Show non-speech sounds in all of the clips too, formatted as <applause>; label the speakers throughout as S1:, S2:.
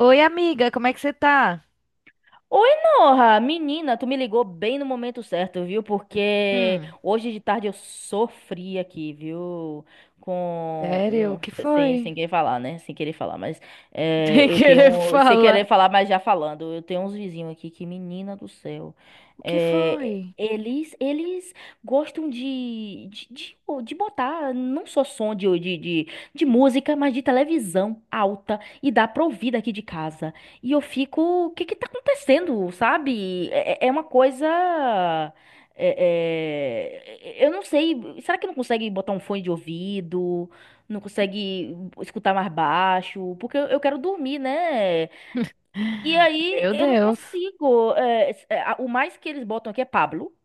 S1: Oi, amiga, como é que você tá?
S2: Oi, Norra! Menina, tu me ligou bem no momento certo, viu? Porque
S1: Hum.
S2: hoje de tarde eu sofri aqui, viu? Com
S1: Sério, o
S2: um,
S1: que
S2: se- sem,
S1: foi?
S2: sem querer falar, né? Sem querer falar, mas
S1: <laughs> Sem
S2: eu
S1: querer
S2: tenho. Sem querer
S1: falar.
S2: falar, mas já falando. Eu tenho uns vizinhos aqui que, menina do céu.
S1: O que
S2: é,
S1: foi?
S2: eles, eles gostam de botar não só som de música, mas de televisão alta e dá pra ouvir daqui de casa. E eu fico, o que que tá acontecendo, sabe? É uma coisa. Eu não sei. Será que não consegue botar um fone de ouvido? Não consegue escutar mais baixo? Porque eu quero dormir, né? E aí
S1: Meu
S2: eu não
S1: Deus.
S2: consigo. O mais que eles botam aqui é Pablo,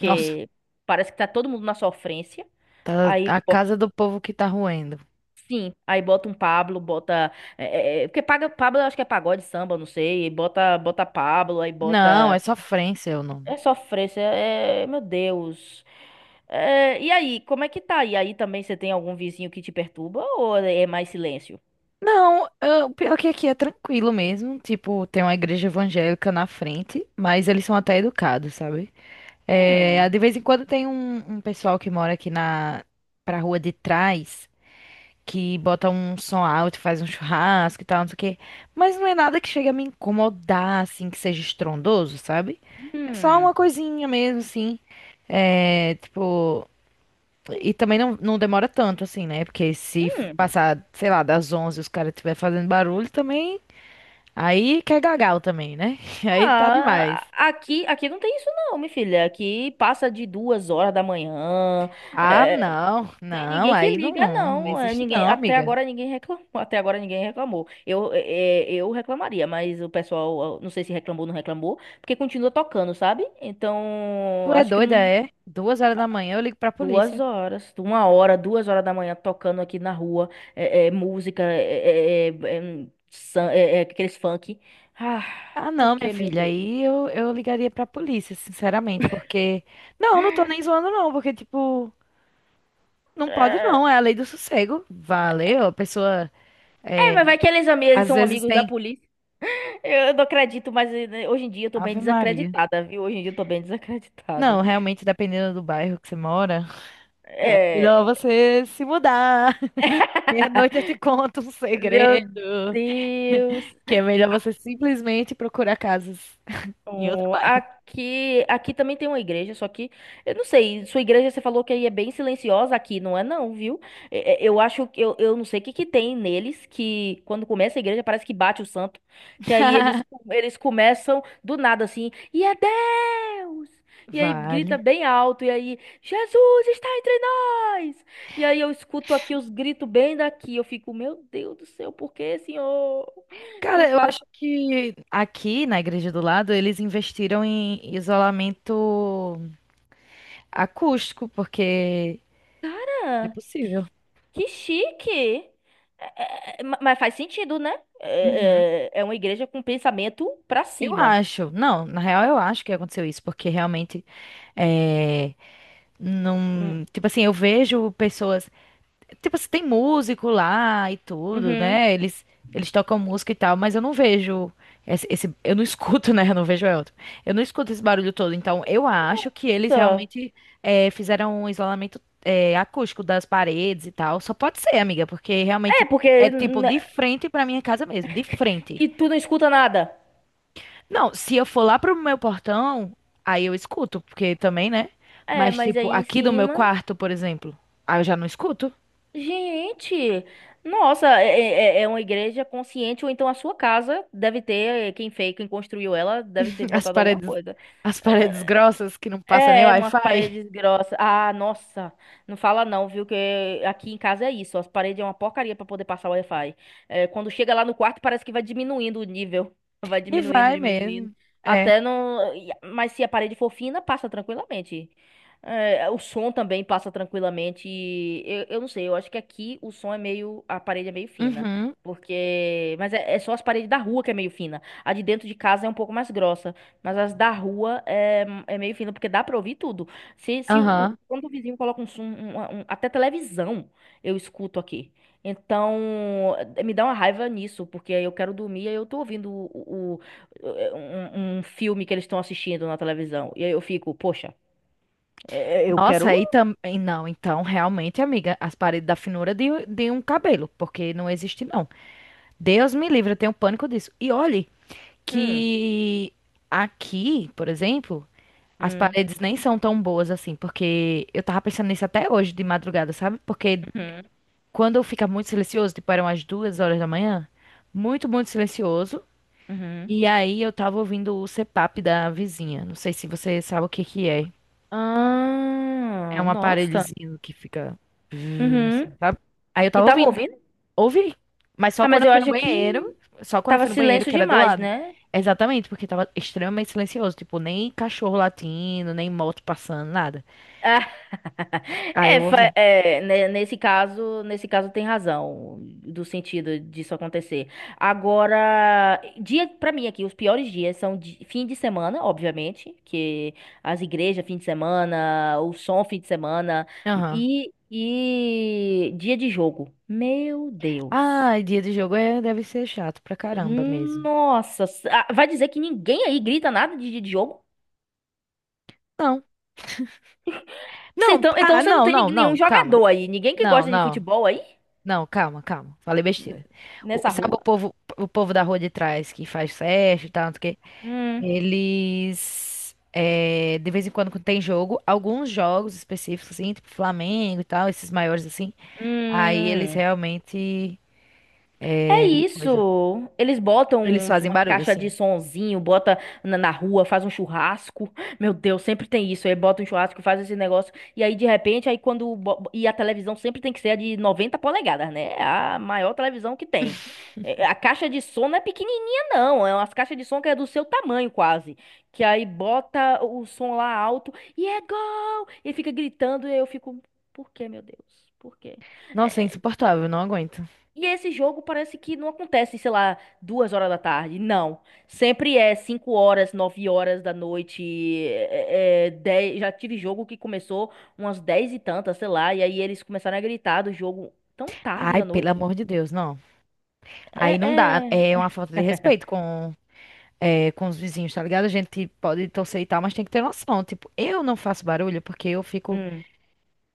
S1: Nossa,
S2: parece que tá todo mundo na sofrência.
S1: tá
S2: Aí
S1: a casa do povo que tá roendo.
S2: sim, aí bota um Pablo, bota. Porque paga, Pablo eu acho que é pagode, samba, não sei. Bota, bota Pablo, aí
S1: Não, é
S2: bota.
S1: sofrência o nome.
S2: É sofrência, é. Meu Deus. É, e aí, como é que tá? E aí também você tem algum vizinho que te perturba ou é mais silêncio?
S1: Não, o pior é que aqui é tranquilo mesmo. Tipo, tem uma igreja evangélica na frente, mas eles são até educados, sabe? É,
S2: Hum,
S1: de vez em quando tem um pessoal que mora aqui na pra rua de trás. Que bota um som alto, faz um churrasco e tal, não sei o quê. Mas não é nada que chega a me incomodar, assim, que seja estrondoso, sabe? É só
S2: hum,
S1: uma coisinha mesmo, assim. É, tipo. E também não demora tanto, assim, né? Porque se
S2: hum.
S1: passar, sei lá, das 11 e os caras estiver fazendo barulho também. Aí quer gagal também, né? <laughs> Aí tá demais.
S2: Ah, aqui não tem isso não, minha filha. Aqui passa de 2 horas da manhã.
S1: Ah,
S2: é, Tem ninguém que
S1: aí não,
S2: liga,
S1: não
S2: não. É,
S1: existe
S2: ninguém,
S1: não,
S2: até
S1: amiga.
S2: agora ninguém reclamou. Até agora ninguém reclamou. Eu reclamaria, mas o pessoal, eu não sei se reclamou ou não reclamou, porque continua tocando, sabe? Então,
S1: Tu é
S2: acho que
S1: doida,
S2: não-
S1: é? 2 horas da manhã eu ligo pra
S2: duas
S1: polícia.
S2: horas, 1 hora, 2 horas da manhã tocando aqui na rua, música, aqueles funk. Ah,
S1: Ah,
S2: por
S1: não, minha
S2: que, meu
S1: filha,
S2: Deus?
S1: aí eu ligaria pra polícia, sinceramente, porque. Não, não tô nem zoando, não, porque, tipo, não pode
S2: É,
S1: não, é a lei do sossego. Valeu, a pessoa.
S2: é,
S1: É,
S2: mas vai que eles
S1: às
S2: são
S1: vezes
S2: amigos da
S1: tem.
S2: polícia. Eu não acredito, mas hoje em dia eu tô bem
S1: Ave Maria.
S2: desacreditada, viu? Hoje em dia eu tô bem
S1: Não,
S2: desacreditada.
S1: realmente, dependendo do bairro que você mora, é
S2: É.
S1: melhor você se mudar. <laughs> Meia-noite eu te conto um
S2: <laughs> Meu
S1: segredo,
S2: Deus.
S1: <laughs> que é melhor você simplesmente procurar casas em outro
S2: Oh,
S1: bairro.
S2: aqui também tem uma igreja, só que eu não sei, sua igreja você falou que aí é bem silenciosa aqui, não é não, viu? Eu acho que eu não sei o que que tem neles que quando começa a igreja parece que bate o santo, que aí eles
S1: <laughs>
S2: eles começam do nada assim, e é Deus! E aí grita
S1: Vale.
S2: bem alto e aí Jesus está entre nós! E aí eu escuto aqui os gritos bem daqui, eu fico, meu Deus do céu, por que, Senhor? Tu
S1: Cara, eu acho que aqui na igreja do lado eles investiram em isolamento acústico, porque é
S2: Ah, que,
S1: possível.
S2: que chique! É, mas faz sentido, né?
S1: Uhum.
S2: É uma igreja com pensamento pra
S1: Eu
S2: cima.
S1: acho. Não, na real eu acho que aconteceu isso, porque realmente é,
S2: Hum,
S1: não, tipo assim, eu vejo pessoas. Tipo, assim, tem músico lá e tudo,
S2: Uhum.
S1: né? Eles tocam música e tal, mas eu não vejo eu não <laughs> escuto, né? Eu não vejo Elton. Eu não escuto esse barulho todo. Então, eu acho que eles
S2: Só.
S1: realmente fizeram um isolamento acústico das paredes e tal. Só pode ser, amiga, porque
S2: É,
S1: realmente
S2: porque.
S1: é tipo de frente pra minha casa mesmo, de frente.
S2: E tu não escuta nada.
S1: Não, se eu for lá pro meu portão, aí eu escuto, porque também, né?
S2: É,
S1: Mas
S2: mas
S1: tipo,
S2: aí em
S1: aqui do meu
S2: cima.
S1: quarto, por exemplo, aí eu já não escuto.
S2: Gente! Nossa, é uma igreja consciente, ou então a sua casa deve ter. Quem fez, quem construiu ela, deve ter
S1: As
S2: botado alguma
S1: paredes,
S2: coisa.
S1: as
S2: É,
S1: paredes
S2: é,
S1: grossas que não passa nem
S2: É, umas
S1: Wi-Fi.
S2: paredes
S1: <laughs>
S2: grossas. Ah, nossa, não fala não, viu? Que aqui em casa é isso. As paredes é uma porcaria pra poder passar o Wi-Fi. É, quando chega lá no quarto, parece que vai diminuindo o nível. <laughs> Vai
S1: E
S2: diminuindo,
S1: vai
S2: diminuindo.
S1: mesmo. É.
S2: Até não. Mas se a parede for fina, passa tranquilamente. É, o som também passa tranquilamente. E eu não sei, eu acho que aqui o som é meio. A parede é meio fina.
S1: Uhum.
S2: Porque. Mas é só as paredes da rua que é meio fina. A de dentro de casa é um pouco mais grossa. Mas as da rua é meio fina, porque dá pra ouvir tudo. Se o,
S1: Aham.
S2: quando o vizinho coloca um som, até televisão, eu escuto aqui. Então, me dá uma raiva nisso, porque aí eu quero dormir e aí eu tô ouvindo um filme que eles estão assistindo na televisão. E aí eu fico, poxa, eu
S1: Nossa,
S2: quero.
S1: aí também. Não, então, realmente, amiga, as paredes da finura de um cabelo, porque não existe, não. Deus me livre, eu tenho pânico disso. E olhe
S2: Hum,
S1: que aqui, por exemplo, as
S2: hum,
S1: paredes nem são tão boas assim, porque eu tava pensando nisso até hoje de madrugada, sabe? Porque
S2: uhum,
S1: quando fica muito silencioso, tipo, eram as 2 horas da manhã, muito, muito silencioso.
S2: uhum.
S1: E aí eu tava ouvindo o CPAP da vizinha. Não sei se você sabe o que que é. É
S2: Ah,
S1: um
S2: nossa.
S1: aparelhozinho que fica,
S2: Uhum.
S1: sabe? Aí eu
S2: E
S1: tava
S2: tava
S1: ouvindo.
S2: ouvindo?
S1: Ouvi. Mas só
S2: Ah,
S1: quando
S2: mas
S1: eu
S2: eu
S1: fui no
S2: acho
S1: banheiro,
S2: que
S1: só quando eu
S2: tava
S1: fui no banheiro
S2: silêncio
S1: que era do
S2: demais,
S1: lado.
S2: né?
S1: Exatamente, porque tava extremamente silencioso, tipo, nem cachorro latindo, nem moto passando, nada.
S2: <laughs> <laughs>
S1: Aí
S2: É,
S1: eu
S2: fa-
S1: ouvi.
S2: é, né, nesse caso, tem razão do sentido disso acontecer. Agora, dia para mim aqui, os piores dias são fim de semana, obviamente, que as igrejas fim de semana, o som fim de semana
S1: Aham.
S2: e dia de jogo. Meu Deus.
S1: Ah, dia de jogo é, deve ser chato pra caramba mesmo.
S2: Nossa, ah, vai dizer que ninguém aí grita nada de dia de jogo?
S1: Não. Não,
S2: Então,
S1: ah,
S2: você não
S1: não,
S2: tem
S1: não,
S2: nenhum
S1: não, calma.
S2: jogador aí, ninguém que
S1: Não,
S2: gosta de
S1: não.
S2: futebol aí
S1: Não, calma, calma. Falei
S2: N-
S1: besteira. O-
S2: nessa
S1: sabe
S2: rua?
S1: o povo da rua de trás que faz festa e tal, não sei o quê?
S2: Hum,
S1: Eles, é, de vez em quando, quando tem jogo, alguns jogos específicos, assim, tipo Flamengo e tal, esses maiores, assim, aí eles
S2: hum.
S1: realmente,
S2: É
S1: coisa,
S2: isso. Eles botam
S1: eles fazem
S2: uma
S1: barulho,
S2: caixa de
S1: assim.
S2: sonzinho, bota na rua, faz um churrasco. Meu Deus, sempre tem isso. Aí bota um churrasco, faz esse negócio. E aí, de repente, aí quando. E a televisão sempre tem que ser a de 90 polegadas, né? É a maior televisão que tem. É, a caixa de som não é pequenininha, não. É umas caixas de som que é do seu tamanho, quase. Que aí bota o som lá alto e é gol! E fica gritando. E eu fico, por quê, meu Deus? Por quê?
S1: Nossa, é insuportável, não aguento.
S2: E esse jogo parece que não acontece, sei lá, 2 horas da tarde. Não. Sempre é 5 horas, 9 horas da noite. Já tive jogo que começou umas 10 e tantas, sei lá. E aí eles começaram a gritar do jogo tão tarde
S1: Ai,
S2: da
S1: pelo
S2: noite.
S1: amor de Deus, não.
S2: É,
S1: Aí não dá,
S2: é.
S1: é uma falta de
S2: <laughs>
S1: respeito com, é, com os vizinhos, tá ligado? A gente pode torcer e tal, mas tem que ter noção. Tipo, eu não faço barulho porque eu fico
S2: Hum,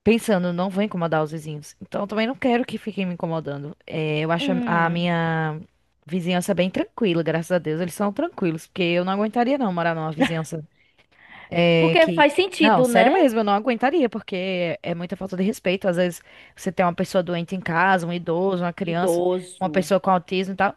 S1: pensando, não vou incomodar os vizinhos. Então, eu também não quero que fiquem me incomodando. É, eu acho a
S2: hum.
S1: minha vizinhança bem tranquila, graças a Deus. Eles são tranquilos, porque eu não aguentaria não morar numa vizinhança é,
S2: Porque
S1: que...
S2: faz
S1: Não,
S2: sentido,
S1: sério
S2: né?
S1: mesmo, eu não aguentaria, porque é muita falta de respeito. Às vezes você tem uma pessoa doente em casa, um idoso, uma criança, uma
S2: Idoso.
S1: pessoa com autismo e tal.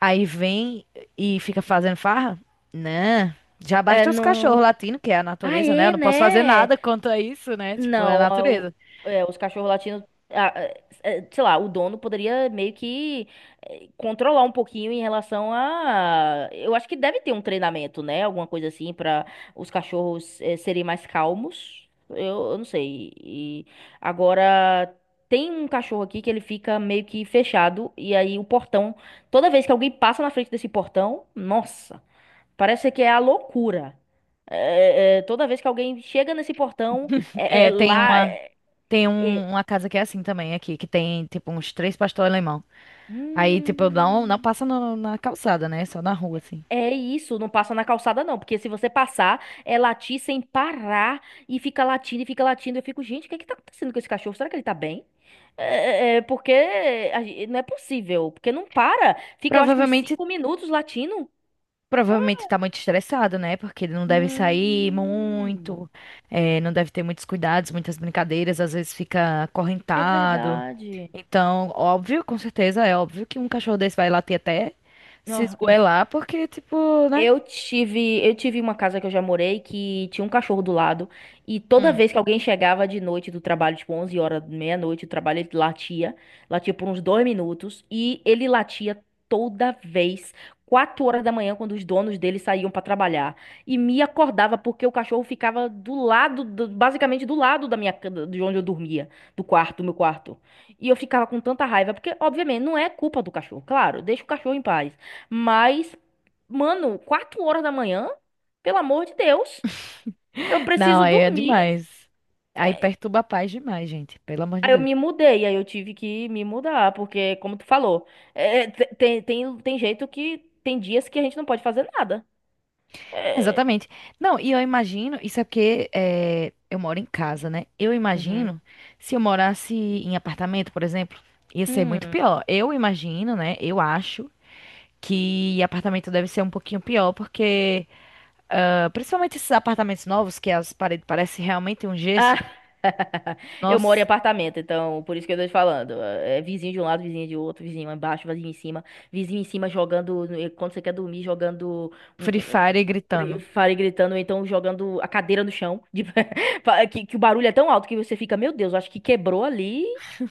S1: Aí vem e fica fazendo farra? Né? Já
S2: É
S1: basta os cachorros
S2: no.
S1: latindo, que é a natureza, né? Eu
S2: Aê,
S1: não posso fazer
S2: né?
S1: nada quanto a isso, né? Tipo, é a
S2: Não,
S1: natureza.
S2: os cachorros latinos, a- sei lá, o dono poderia meio que controlar um pouquinho em relação a. Eu acho que deve ter um treinamento, né? Alguma coisa assim para os cachorros serem mais calmos. Eu não sei. E agora tem um cachorro aqui que ele fica meio que fechado e aí o portão, toda vez que alguém passa na frente desse portão, nossa. Parece que é a loucura. Toda vez que alguém chega nesse portão, é
S1: É,
S2: lá.
S1: tem
S2: É,
S1: um- uma casa que é assim também aqui, que tem tipo uns 3 pastor alemão. Aí, tipo, eu não, não
S2: hum,
S1: passa no- na calçada, né? Só na rua, assim.
S2: é isso, não passa na calçada, não. Porque se você passar, é latir sem parar e fica latindo e fica latindo. Eu fico, gente, o que é que tá acontecendo com esse cachorro? Será que ele tá bem? É, porque a não é possível. Porque não para. Fica, eu acho que uns
S1: Provavelmente,
S2: 5 minutos latindo.
S1: provavelmente tá muito estressado, né? Porque ele não deve sair
S2: Hum,
S1: muito, é, não deve ter muitos cuidados, muitas brincadeiras, às vezes fica
S2: é
S1: acorrentado.
S2: verdade.
S1: Então, óbvio, com certeza, é óbvio que um cachorro desse vai latir até se
S2: Não,
S1: esgoelar, porque, tipo, né?
S2: eu tive uma casa que eu já morei que tinha um cachorro do lado e toda vez que alguém chegava de noite do trabalho, tipo 11 horas, meia-noite do trabalho, ele latia, latia por uns 2 minutos e ele latia toda vez, 4 horas da manhã, quando os donos dele saíam para trabalhar e me acordava porque o cachorro ficava do lado, basicamente do lado da minha, de onde eu dormia, do quarto, do meu quarto. E eu ficava com tanta raiva porque, obviamente, não é culpa do cachorro, claro, deixa o cachorro em paz. Mas mano, 4 horas da manhã? Pelo amor de Deus, eu
S1: <laughs> Não,
S2: preciso
S1: aí é
S2: dormir.
S1: demais. Aí perturba a paz demais, gente. Pelo amor de
S2: Aí eu
S1: Deus.
S2: me mudei, aí eu tive que me mudar, porque, como tu falou, tem jeito que tem dias que a gente não pode fazer nada. É,
S1: Exatamente. Não, e eu imagino, isso é porque eh, eu moro em casa, né? Eu
S2: uhum.
S1: imagino, se eu morasse em apartamento, por exemplo, ia ser muito
S2: Hum.
S1: pior. Eu imagino, né? Eu acho que apartamento deve ser um pouquinho pior, porque ah, principalmente esses apartamentos novos, que as paredes parecem realmente um
S2: Ah,
S1: gesso.
S2: <laughs> eu moro em
S1: Nossa,
S2: apartamento, então por isso que eu tô te falando. É vizinho de um lado, vizinho de outro, vizinho embaixo, vizinho em cima jogando, quando você quer dormir, jogando um,
S1: Free Fire
S2: um,
S1: gritando,
S2: fale gritando, ou então jogando a cadeira no chão, <laughs> que, o barulho é tão alto que você fica, meu Deus, acho que quebrou ali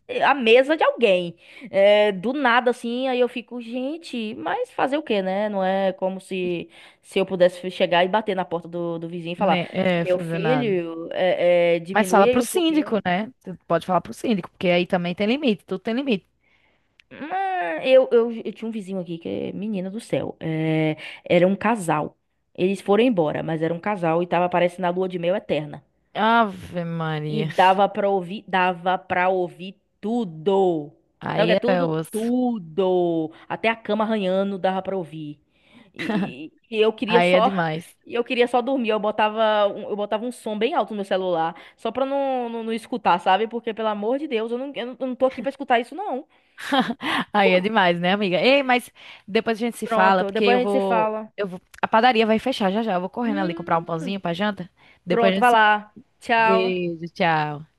S2: a mesa de alguém. É, do nada assim, aí eu fico, gente, mas fazer o quê, né? Não é como se eu pudesse chegar e bater na porta do vizinho e falar
S1: né? É,
S2: meu
S1: fazendo nada.
S2: filho,
S1: Mas fala
S2: diminui aí
S1: pro
S2: um
S1: síndico,
S2: pouquinho.
S1: né? Você pode falar pro síndico, porque aí também tem limite, tudo tem limite.
S2: Mas eu tinha um vizinho aqui que é menina do céu. É, era um casal. Eles foram embora, mas era um casal e tava parecendo a lua de mel eterna.
S1: Ave
S2: E
S1: Maria.
S2: dava pra ouvir tudo. Sabe o que é
S1: Aí é
S2: tudo?
S1: osso.
S2: Tudo. Até a cama arranhando dava pra ouvir. E, e- e eu queria
S1: Aí é
S2: só,
S1: demais.
S2: e eu queria só dormir. Eu botava um som bem alto no meu celular, só pra não escutar, sabe? Porque, pelo amor de Deus, eu não tô aqui pra escutar isso, não.
S1: Aí é demais, né, amiga? Ei, mas depois a gente se fala,
S2: Pronto,
S1: porque
S2: depois a gente se fala.
S1: eu vou, a padaria vai fechar já já. Eu vou correndo ali comprar um
S2: Hum,
S1: pãozinho pra janta. Depois a
S2: pronto,
S1: gente
S2: vai
S1: se...
S2: lá. Tchau.
S1: Beijo, tchau.